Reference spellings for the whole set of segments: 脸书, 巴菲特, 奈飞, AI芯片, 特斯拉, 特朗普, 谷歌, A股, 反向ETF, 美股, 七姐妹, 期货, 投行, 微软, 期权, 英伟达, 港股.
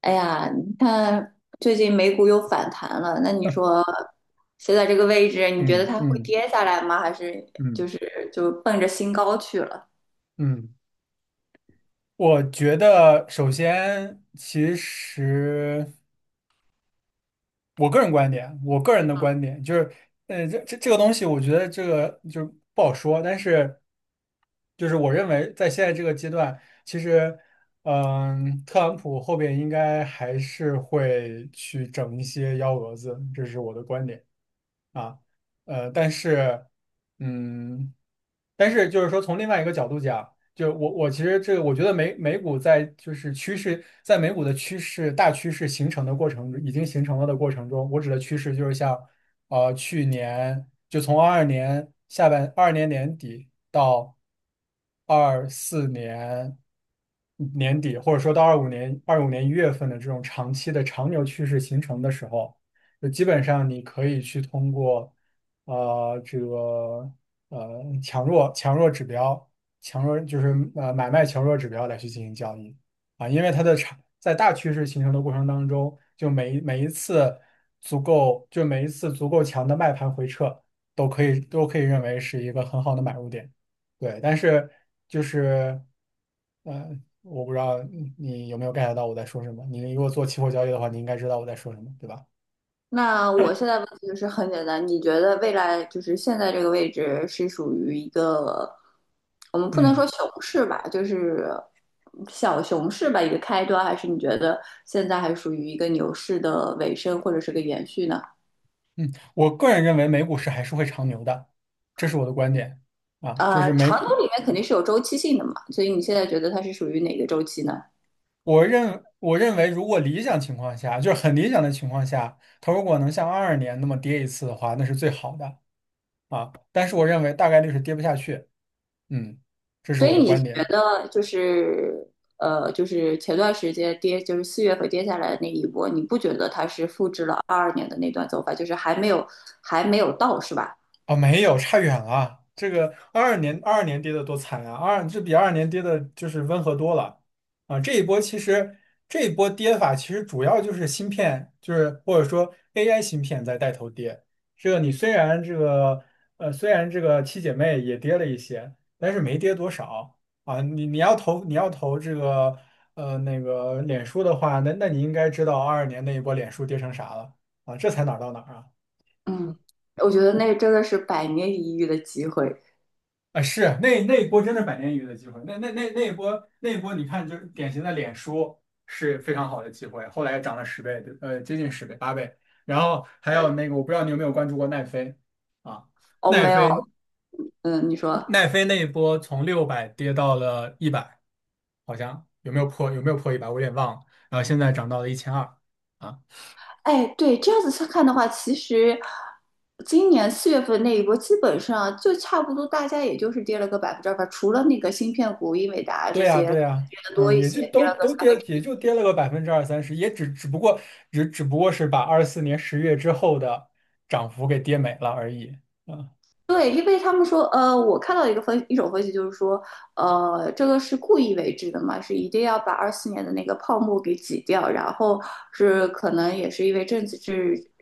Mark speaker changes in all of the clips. Speaker 1: 哎呀，你看最近美股又反弹了，那你说现在这个位置，你觉得
Speaker 2: 嗯
Speaker 1: 它会
Speaker 2: 嗯
Speaker 1: 跌下来吗？还是就
Speaker 2: 嗯
Speaker 1: 是就奔着新高去了？
Speaker 2: 嗯，我觉得首先，其实我个人的观点就是，这个东西，我觉得这个就不好说，但是就是我认为在现在这个阶段，其实，特朗普后边应该还是会去整一些幺蛾子，这是我的观点啊，呃，但是。嗯，但是就是说，从另外一个角度讲，就我其实这个，我觉得美股在就是趋势，在美股的趋势大趋势形成的过程，已经形成了的过程中，我指的趋势就是像去年就从二二年年底到二四年年底，或者说到二五年1月份的这种长期的长牛趋势形成的时候。就基本上你可以去通过呃这个强弱指标，强弱就是买卖强弱指标来去进行交易啊，因为它的长在大趋势形成的过程当中，就每一次足够强的卖盘回撤，都可以认为是一个很好的买入点，对，但是就是呃。我不知道你有没有 get 到我在说什么。你如果做期货交易的话，你应该知道我在说什么，对吧？
Speaker 1: 那我现在问题就是很简单，你觉得未来就是现在这个位置是属于一个，我们不能
Speaker 2: 嗯。
Speaker 1: 说熊市吧，就是小熊市吧，一个开端，还是你觉得现在还属于一个牛市的尾声或者是个延续呢？
Speaker 2: 嗯，我个人认为美股市还是会长牛的，这是我的观点啊。就是美，
Speaker 1: 长牛里面肯定是有周期性的嘛，所以你现在觉得它是属于哪个周期呢？
Speaker 2: 我认为，如果理想情况下，就是很理想的情况下，它如果能像二二年那么跌一次的话，那是最好的啊。但是我认为大概率是跌不下去。嗯，这是
Speaker 1: 所
Speaker 2: 我
Speaker 1: 以
Speaker 2: 的
Speaker 1: 你
Speaker 2: 观
Speaker 1: 觉
Speaker 2: 点。
Speaker 1: 得就是前段时间跌，就是四月份跌下来的那一波，你不觉得它是复制了二二年的那段走法，就是还没有到，是吧？
Speaker 2: 哦，没有，差远了。这个二二年，二二年跌的多惨啊！这比二二年跌的就是温和多了啊。这一波跌法其实主要就是芯片，就是或者说 AI 芯片在带头跌。你虽然这个七姐妹也跌了一些，但是没跌多少啊。你要投这个那个脸书的话，那你应该知道二二年那一波脸书跌成啥了啊？这才哪儿到哪儿啊？
Speaker 1: 嗯，我觉得那真的是百年一遇的机会。
Speaker 2: 啊，是那一波真的百年一遇的机会，那一波，你看就是典型的脸书是非常好的机会，后来涨了十倍，接近十倍，8倍。然后还有那个，我不知道你有没有关注过奈飞啊？
Speaker 1: 哦，
Speaker 2: 奈
Speaker 1: 没有，
Speaker 2: 飞
Speaker 1: 嗯，你说，
Speaker 2: 奈飞那一波从600跌到了一百，好像有没有破一百？我有点忘了。然后现在涨到了1200啊，
Speaker 1: 哎，对，这样子去看的话，其实今年四月份那一波，基本上就差不多，大家也就是跌了个2%吧，除了那个芯片股、英伟达这
Speaker 2: 对呀，
Speaker 1: 些可
Speaker 2: 对
Speaker 1: 能
Speaker 2: 呀，
Speaker 1: 跌的多
Speaker 2: 嗯，
Speaker 1: 一
Speaker 2: 也
Speaker 1: 些，
Speaker 2: 就
Speaker 1: 跌
Speaker 2: 都
Speaker 1: 了个
Speaker 2: 都
Speaker 1: 三
Speaker 2: 跌，
Speaker 1: 分之
Speaker 2: 也
Speaker 1: 一。
Speaker 2: 就跌了个百分之二三十，也只只不过只只不过是把24年10月之后的涨幅给跌没了而已。
Speaker 1: 对，因为他们说，我看到一种分析，就是说，这个是故意为之的嘛，是一定要把24年的那个泡沫给挤掉，然后是可能也是因为政治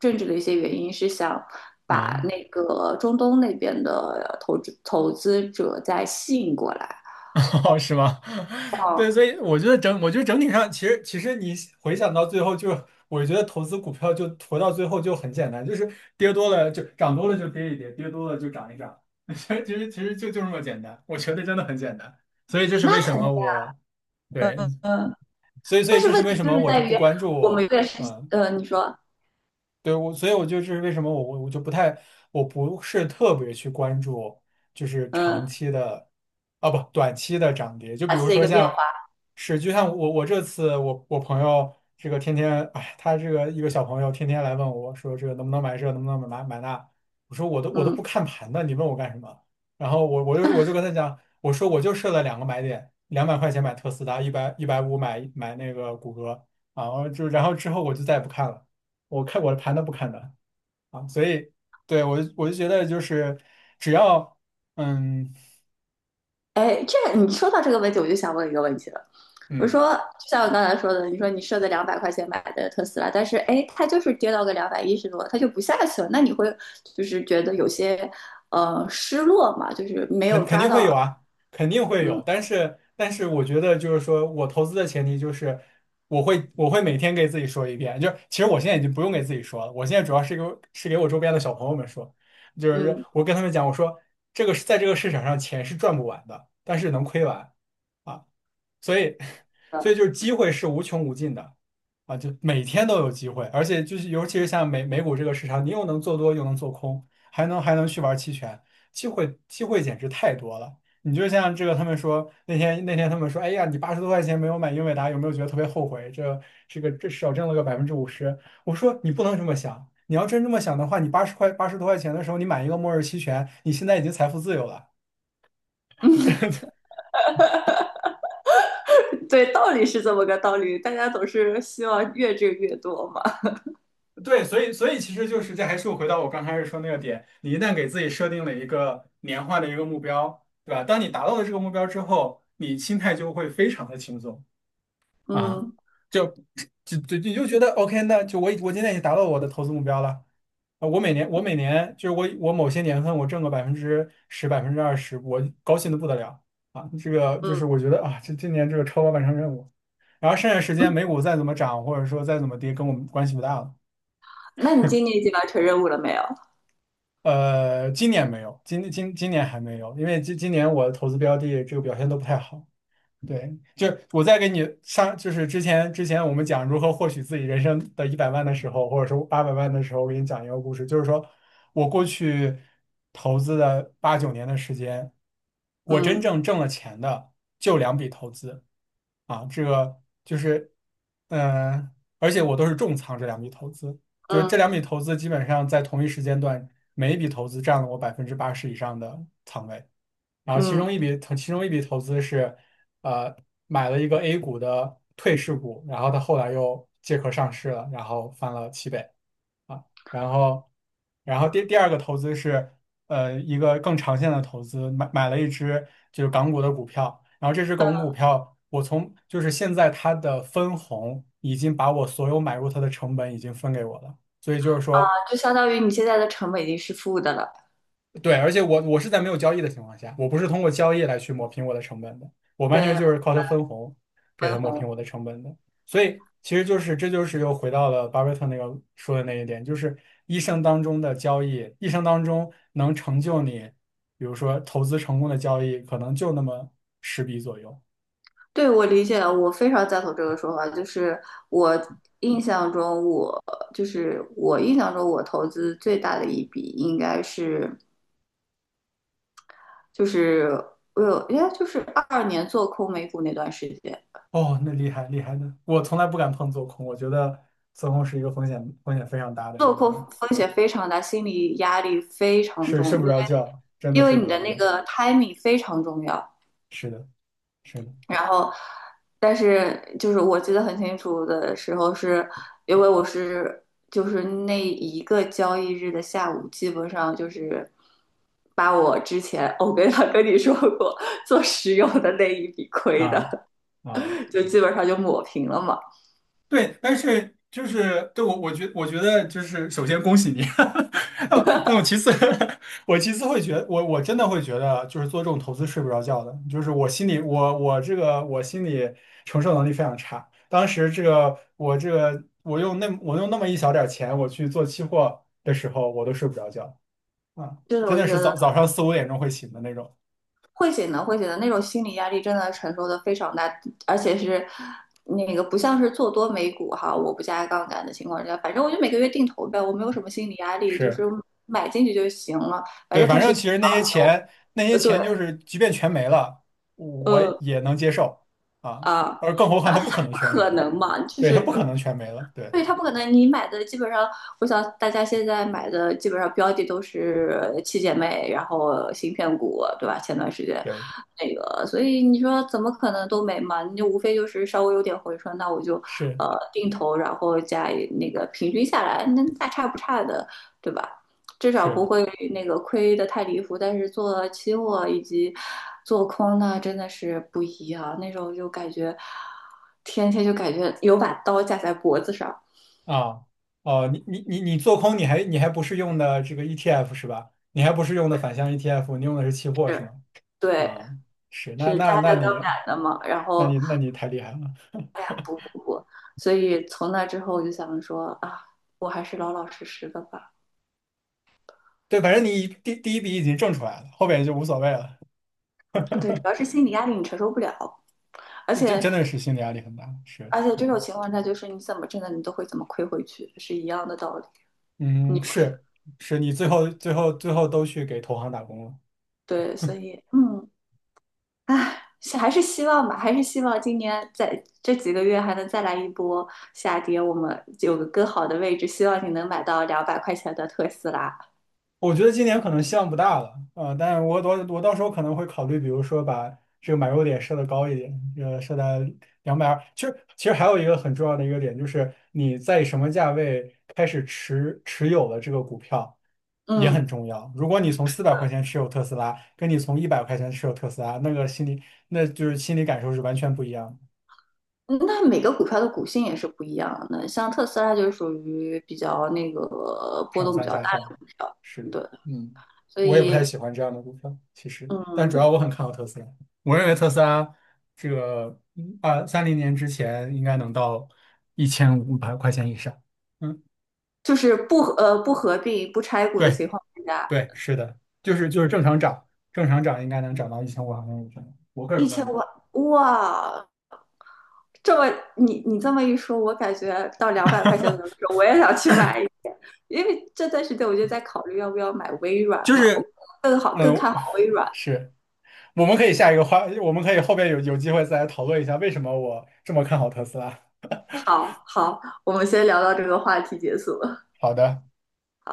Speaker 1: 政治的一些原因，是想把
Speaker 2: 嗯，
Speaker 1: 那个中东那边的投资者再吸引过来。
Speaker 2: 哦，是吗？
Speaker 1: 哦，
Speaker 2: 对，所以我觉得整体上，其实你回想到最后就，我觉得投资股票就投到最后就很简单，就是跌多了就涨多了就跌一跌，跌多了就涨一涨，其实这么简单，我觉得真的很简单。所以这是
Speaker 1: 那
Speaker 2: 为什
Speaker 1: 肯
Speaker 2: 么
Speaker 1: 定，
Speaker 2: 我
Speaker 1: 嗯，
Speaker 2: 对，
Speaker 1: 嗯，
Speaker 2: 所以所
Speaker 1: 但
Speaker 2: 以
Speaker 1: 是
Speaker 2: 这是
Speaker 1: 问
Speaker 2: 为
Speaker 1: 题
Speaker 2: 什
Speaker 1: 就
Speaker 2: 么
Speaker 1: 是
Speaker 2: 我
Speaker 1: 在
Speaker 2: 就不
Speaker 1: 于
Speaker 2: 关
Speaker 1: 我
Speaker 2: 注。
Speaker 1: 们越是，
Speaker 2: 嗯。
Speaker 1: 你说，
Speaker 2: 对，我，所以我就是为什么我我我就不太，我不是特别去关注，就是
Speaker 1: 嗯，
Speaker 2: 长期的，啊不，短期的涨跌。就比
Speaker 1: 二
Speaker 2: 如
Speaker 1: 次的一
Speaker 2: 说
Speaker 1: 个变
Speaker 2: 像
Speaker 1: 化，
Speaker 2: 是，就像我这次我朋友这个天天，哎，他这个一个小朋友天天来问我说这个能不能买这，能不能买买那，我说我都不
Speaker 1: 嗯。
Speaker 2: 看盘的，你问我干什么？然后我就跟他讲，我说我就设了两个买点，200块钱买特斯拉，一百五买那个谷歌。啊，就然后之后我就再也不看了。我看我的盘都不看的啊，所以对我就觉得就是只要嗯
Speaker 1: 哎，这你说到这个问题，我就想问一个问题了。我
Speaker 2: 嗯。
Speaker 1: 说，就像我刚才说的，你说你设的两百块钱买的特斯拉，但是哎，它就是跌到个210多，它就不下去了。那你会就是觉得有些失落嘛？就是没有
Speaker 2: 肯
Speaker 1: 抓
Speaker 2: 定会有
Speaker 1: 到，
Speaker 2: 啊，肯定会有，
Speaker 1: 嗯
Speaker 2: 但是但是我觉得就是说我投资的前提就是我会每天给自己说一遍，就是其实我现在已经不用给自己说了，我现在主要是给我周边的小朋友们说，就是
Speaker 1: 嗯，
Speaker 2: 我跟他们讲，我说这个是在这个市场上钱是赚不完的，但是能亏完。啊。所以，所以
Speaker 1: 呃
Speaker 2: 就是机会是无穷无尽的啊，就每天都有机会，而且就是尤其是像美股这个市场，你又能做多又能做空，还能去玩期权，机会简直太多了。你就像这个，他们说那天他们说，哎呀，你八十多块钱没有买英伟达，有没有觉得特别后悔？这少挣了个50%。我说你不能这么想，你要真这么想的话，你八十多块钱的时候，你买一个末日期权，你现在已经财富自由了。
Speaker 1: 对，道理是这么个道理，大家总是希望越挣越多嘛。
Speaker 2: 对，所以其实就是这还是回到我刚开始说那个点，你一旦给自己设定了一个年化的一个目标，对吧？当你达到了这个目标之后，你心态就会非常的轻松啊，
Speaker 1: 嗯
Speaker 2: 就就就你就觉得 OK,那就我今天已经达到我的投资目标了。我每年我某些年份我挣个10%20%，我高兴的不得了啊！这个就
Speaker 1: 嗯
Speaker 2: 是我觉得啊，这今年这个超额完成任务，然后剩下时间
Speaker 1: 嗯，
Speaker 2: 美股再怎么涨或者说再怎么跌，跟我们关系不大了。
Speaker 1: 那你今年已经完成任务了没有？
Speaker 2: 今年没有，今年还没有，因为今年我的投资标的这个表现都不太好。对，就是我在给你上，就是之前我们讲如何获取自己人生的100万的时候，或者说800万的时候，我给你讲一个故事，就是说我过去投资的八九年的时间，我真
Speaker 1: 嗯
Speaker 2: 正挣了钱的就两笔投资啊，这个就是，嗯、而且我都是重仓这两笔投资，就是这
Speaker 1: 嗯
Speaker 2: 两笔投资基本上在同一时间段，每一笔投资占了我80%以上的仓位。然后
Speaker 1: 嗯，
Speaker 2: 其中一笔投资是，呃，买了一个 A 股的退市股，然后它后来又借壳上市了，然后翻了7倍啊。然后，然后第二个投资是，一个更长线的投资，买了一只就是港股的股票，然后这只港股股票，就是现在它的分红已经把我所有买入它的成本已经分给我了，所以就是
Speaker 1: 啊
Speaker 2: 说。
Speaker 1: 就相当于你现在的成本已经是负的了，
Speaker 2: 对，而且我是在没有交易的情况下，我不是通过交易来去抹平我的成本的，我完全
Speaker 1: 对，
Speaker 2: 就是靠它分红给
Speaker 1: 分
Speaker 2: 它抹
Speaker 1: 红。
Speaker 2: 平我的成本的。所以其实就是这就是又回到了巴菲特那个说的那一点，就是一生当中的交易，一生当中能成就你，比如说投资成功的交易，可能就那么10笔左右。
Speaker 1: 对，我理解了，我非常赞同这个说法。就是我印象中我，就是我印象中，我投资最大的一笔应该是，就是我有，应该就是二二年做空美股那段时间，
Speaker 2: 哦，那厉害厉害的，我从来不敢碰做空，我觉得做空是一个风险非常大的一
Speaker 1: 做空
Speaker 2: 个，
Speaker 1: 风险非常大，心理压力非常
Speaker 2: 睡
Speaker 1: 重，因
Speaker 2: 不
Speaker 1: 为
Speaker 2: 着觉，真的
Speaker 1: 因
Speaker 2: 睡
Speaker 1: 为
Speaker 2: 不
Speaker 1: 你的
Speaker 2: 着觉。
Speaker 1: 那个 timing 非常重要。
Speaker 2: 是的，是的。
Speaker 1: 然后，但是就是我记得很清楚的时候是，因为我是就是那一个交易日的下午，基本上就是把我之前我跟他跟你说过做石油的那一笔亏
Speaker 2: 啊
Speaker 1: 的，
Speaker 2: 啊，
Speaker 1: 就基本上就抹平了嘛。
Speaker 2: 对，但是就是对我，我觉得就是首先恭喜你，我其次 我其次会觉得，我真的会觉得，就是做这种投资睡不着觉的，就是我心里我我这个我心里承受能力非常差。当时我用那么一小点儿钱，我去做期货的时候，我都睡不着觉啊，
Speaker 1: 真的，
Speaker 2: 真
Speaker 1: 我觉
Speaker 2: 的是
Speaker 1: 得
Speaker 2: 早上四五点钟会醒的那种。
Speaker 1: 会写的那种心理压力真的承受的非常大，而且是那个不像是做多美股哈，我不加杠杆的情况下，反正我就每个月定投呗，我没有什么心理压力，就是
Speaker 2: 是。
Speaker 1: 买进去就行了，反
Speaker 2: 对，
Speaker 1: 正
Speaker 2: 反
Speaker 1: 它是
Speaker 2: 正
Speaker 1: 一个
Speaker 2: 其实那些
Speaker 1: 牛，
Speaker 2: 钱，
Speaker 1: 对，
Speaker 2: 就是，即便全没了，我
Speaker 1: 呃
Speaker 2: 也能接受啊。
Speaker 1: 啊，
Speaker 2: 而更何况它不可能
Speaker 1: 不
Speaker 2: 全没
Speaker 1: 可
Speaker 2: 了，
Speaker 1: 能嘛，就
Speaker 2: 对，它
Speaker 1: 是
Speaker 2: 不可能全没了，对
Speaker 1: 对，它不可能，你买的基本上，我想大家现在买的基本上标的都是七姐妹，然后芯片股，对吧？前段时间
Speaker 2: 对，
Speaker 1: 那个，所以你说怎么可能都没嘛？你就无非就是稍微有点回春，那我就
Speaker 2: 是
Speaker 1: 定投，然后加一那个平均下来，那大差不差的，对吧？至少不
Speaker 2: 是
Speaker 1: 会那个亏的太离谱。但是做期货以及做空呢，真的是不一样。那时候就感觉天天就感觉有把刀架在脖子上。
Speaker 2: 啊，哦，你做空，你还不是用的这个 ETF 是吧？你还不是用的反向 ETF,你用的是期货是
Speaker 1: 是，
Speaker 2: 吗？
Speaker 1: 对，
Speaker 2: 啊，是，
Speaker 1: 是家的刚赶的嘛。然后
Speaker 2: 那你太厉害了。
Speaker 1: 我，所以从那之后我就想说啊，我还是老老实实的吧。
Speaker 2: 对，反正你第一笔已经挣出来了，后边就无所谓了。
Speaker 1: 对，主要是心理压力你承受不了，而
Speaker 2: 真
Speaker 1: 且
Speaker 2: 真的是心理压力很大，是，
Speaker 1: 这种
Speaker 2: 嗯。
Speaker 1: 情况下就是你怎么挣的你都会怎么亏回去，是一样的道理。你
Speaker 2: 嗯，是是，你最后都去给投行打工了。
Speaker 1: 对，所以嗯，唉。是还是希望吧，还是希望今年在这几个月还能再来一波下跌，我们有个更好的位置，希望你能买到两百块钱的特斯拉。
Speaker 2: 我觉得今年可能希望不大了，呃，但是我到时候可能会考虑，比如说把这个买入点设的高一点，呃，设在220。其实还有一个很重要的一个点，就是你在什么价位开始持有了这个股票也
Speaker 1: 嗯。
Speaker 2: 很重要。如果你从400块钱持有特斯拉，跟你从100块钱持有特斯拉，那个心理那就是心理感受是完全不一样的。
Speaker 1: 嗯那每个股票的股性也是不一样的，像特斯拉就属于比较那个波
Speaker 2: 上
Speaker 1: 动比
Speaker 2: 蹿
Speaker 1: 较
Speaker 2: 下
Speaker 1: 大
Speaker 2: 跳，
Speaker 1: 的股票，
Speaker 2: 是的，
Speaker 1: 对，
Speaker 2: 嗯，
Speaker 1: 所
Speaker 2: 我也不太
Speaker 1: 以
Speaker 2: 喜欢这样的股票，其实，但主
Speaker 1: 嗯，
Speaker 2: 要我很看好特斯拉。我认为特斯拉这个2030年之前应该能到一千五百块钱以上。嗯，
Speaker 1: 就是不合并不拆股的
Speaker 2: 对
Speaker 1: 情况下，
Speaker 2: 对，是的，就是正常涨，正常涨应该能涨到一千五百块钱以上。我个人
Speaker 1: 一
Speaker 2: 观
Speaker 1: 千
Speaker 2: 点，
Speaker 1: 万哇，这么你这么一说，我感觉到两百块钱左右的 时候，我也想去买一个因为这段时间我就在考虑要不要买微软
Speaker 2: 就
Speaker 1: 嘛，我
Speaker 2: 是嗯，
Speaker 1: 更
Speaker 2: 呃
Speaker 1: 看好微软。
Speaker 2: 是。我们可以下一个话，我们可以后边有机会再来讨论一下为什么我这么看好特斯拉。
Speaker 1: 好好，我们先聊到这个话题结束。
Speaker 2: 好的。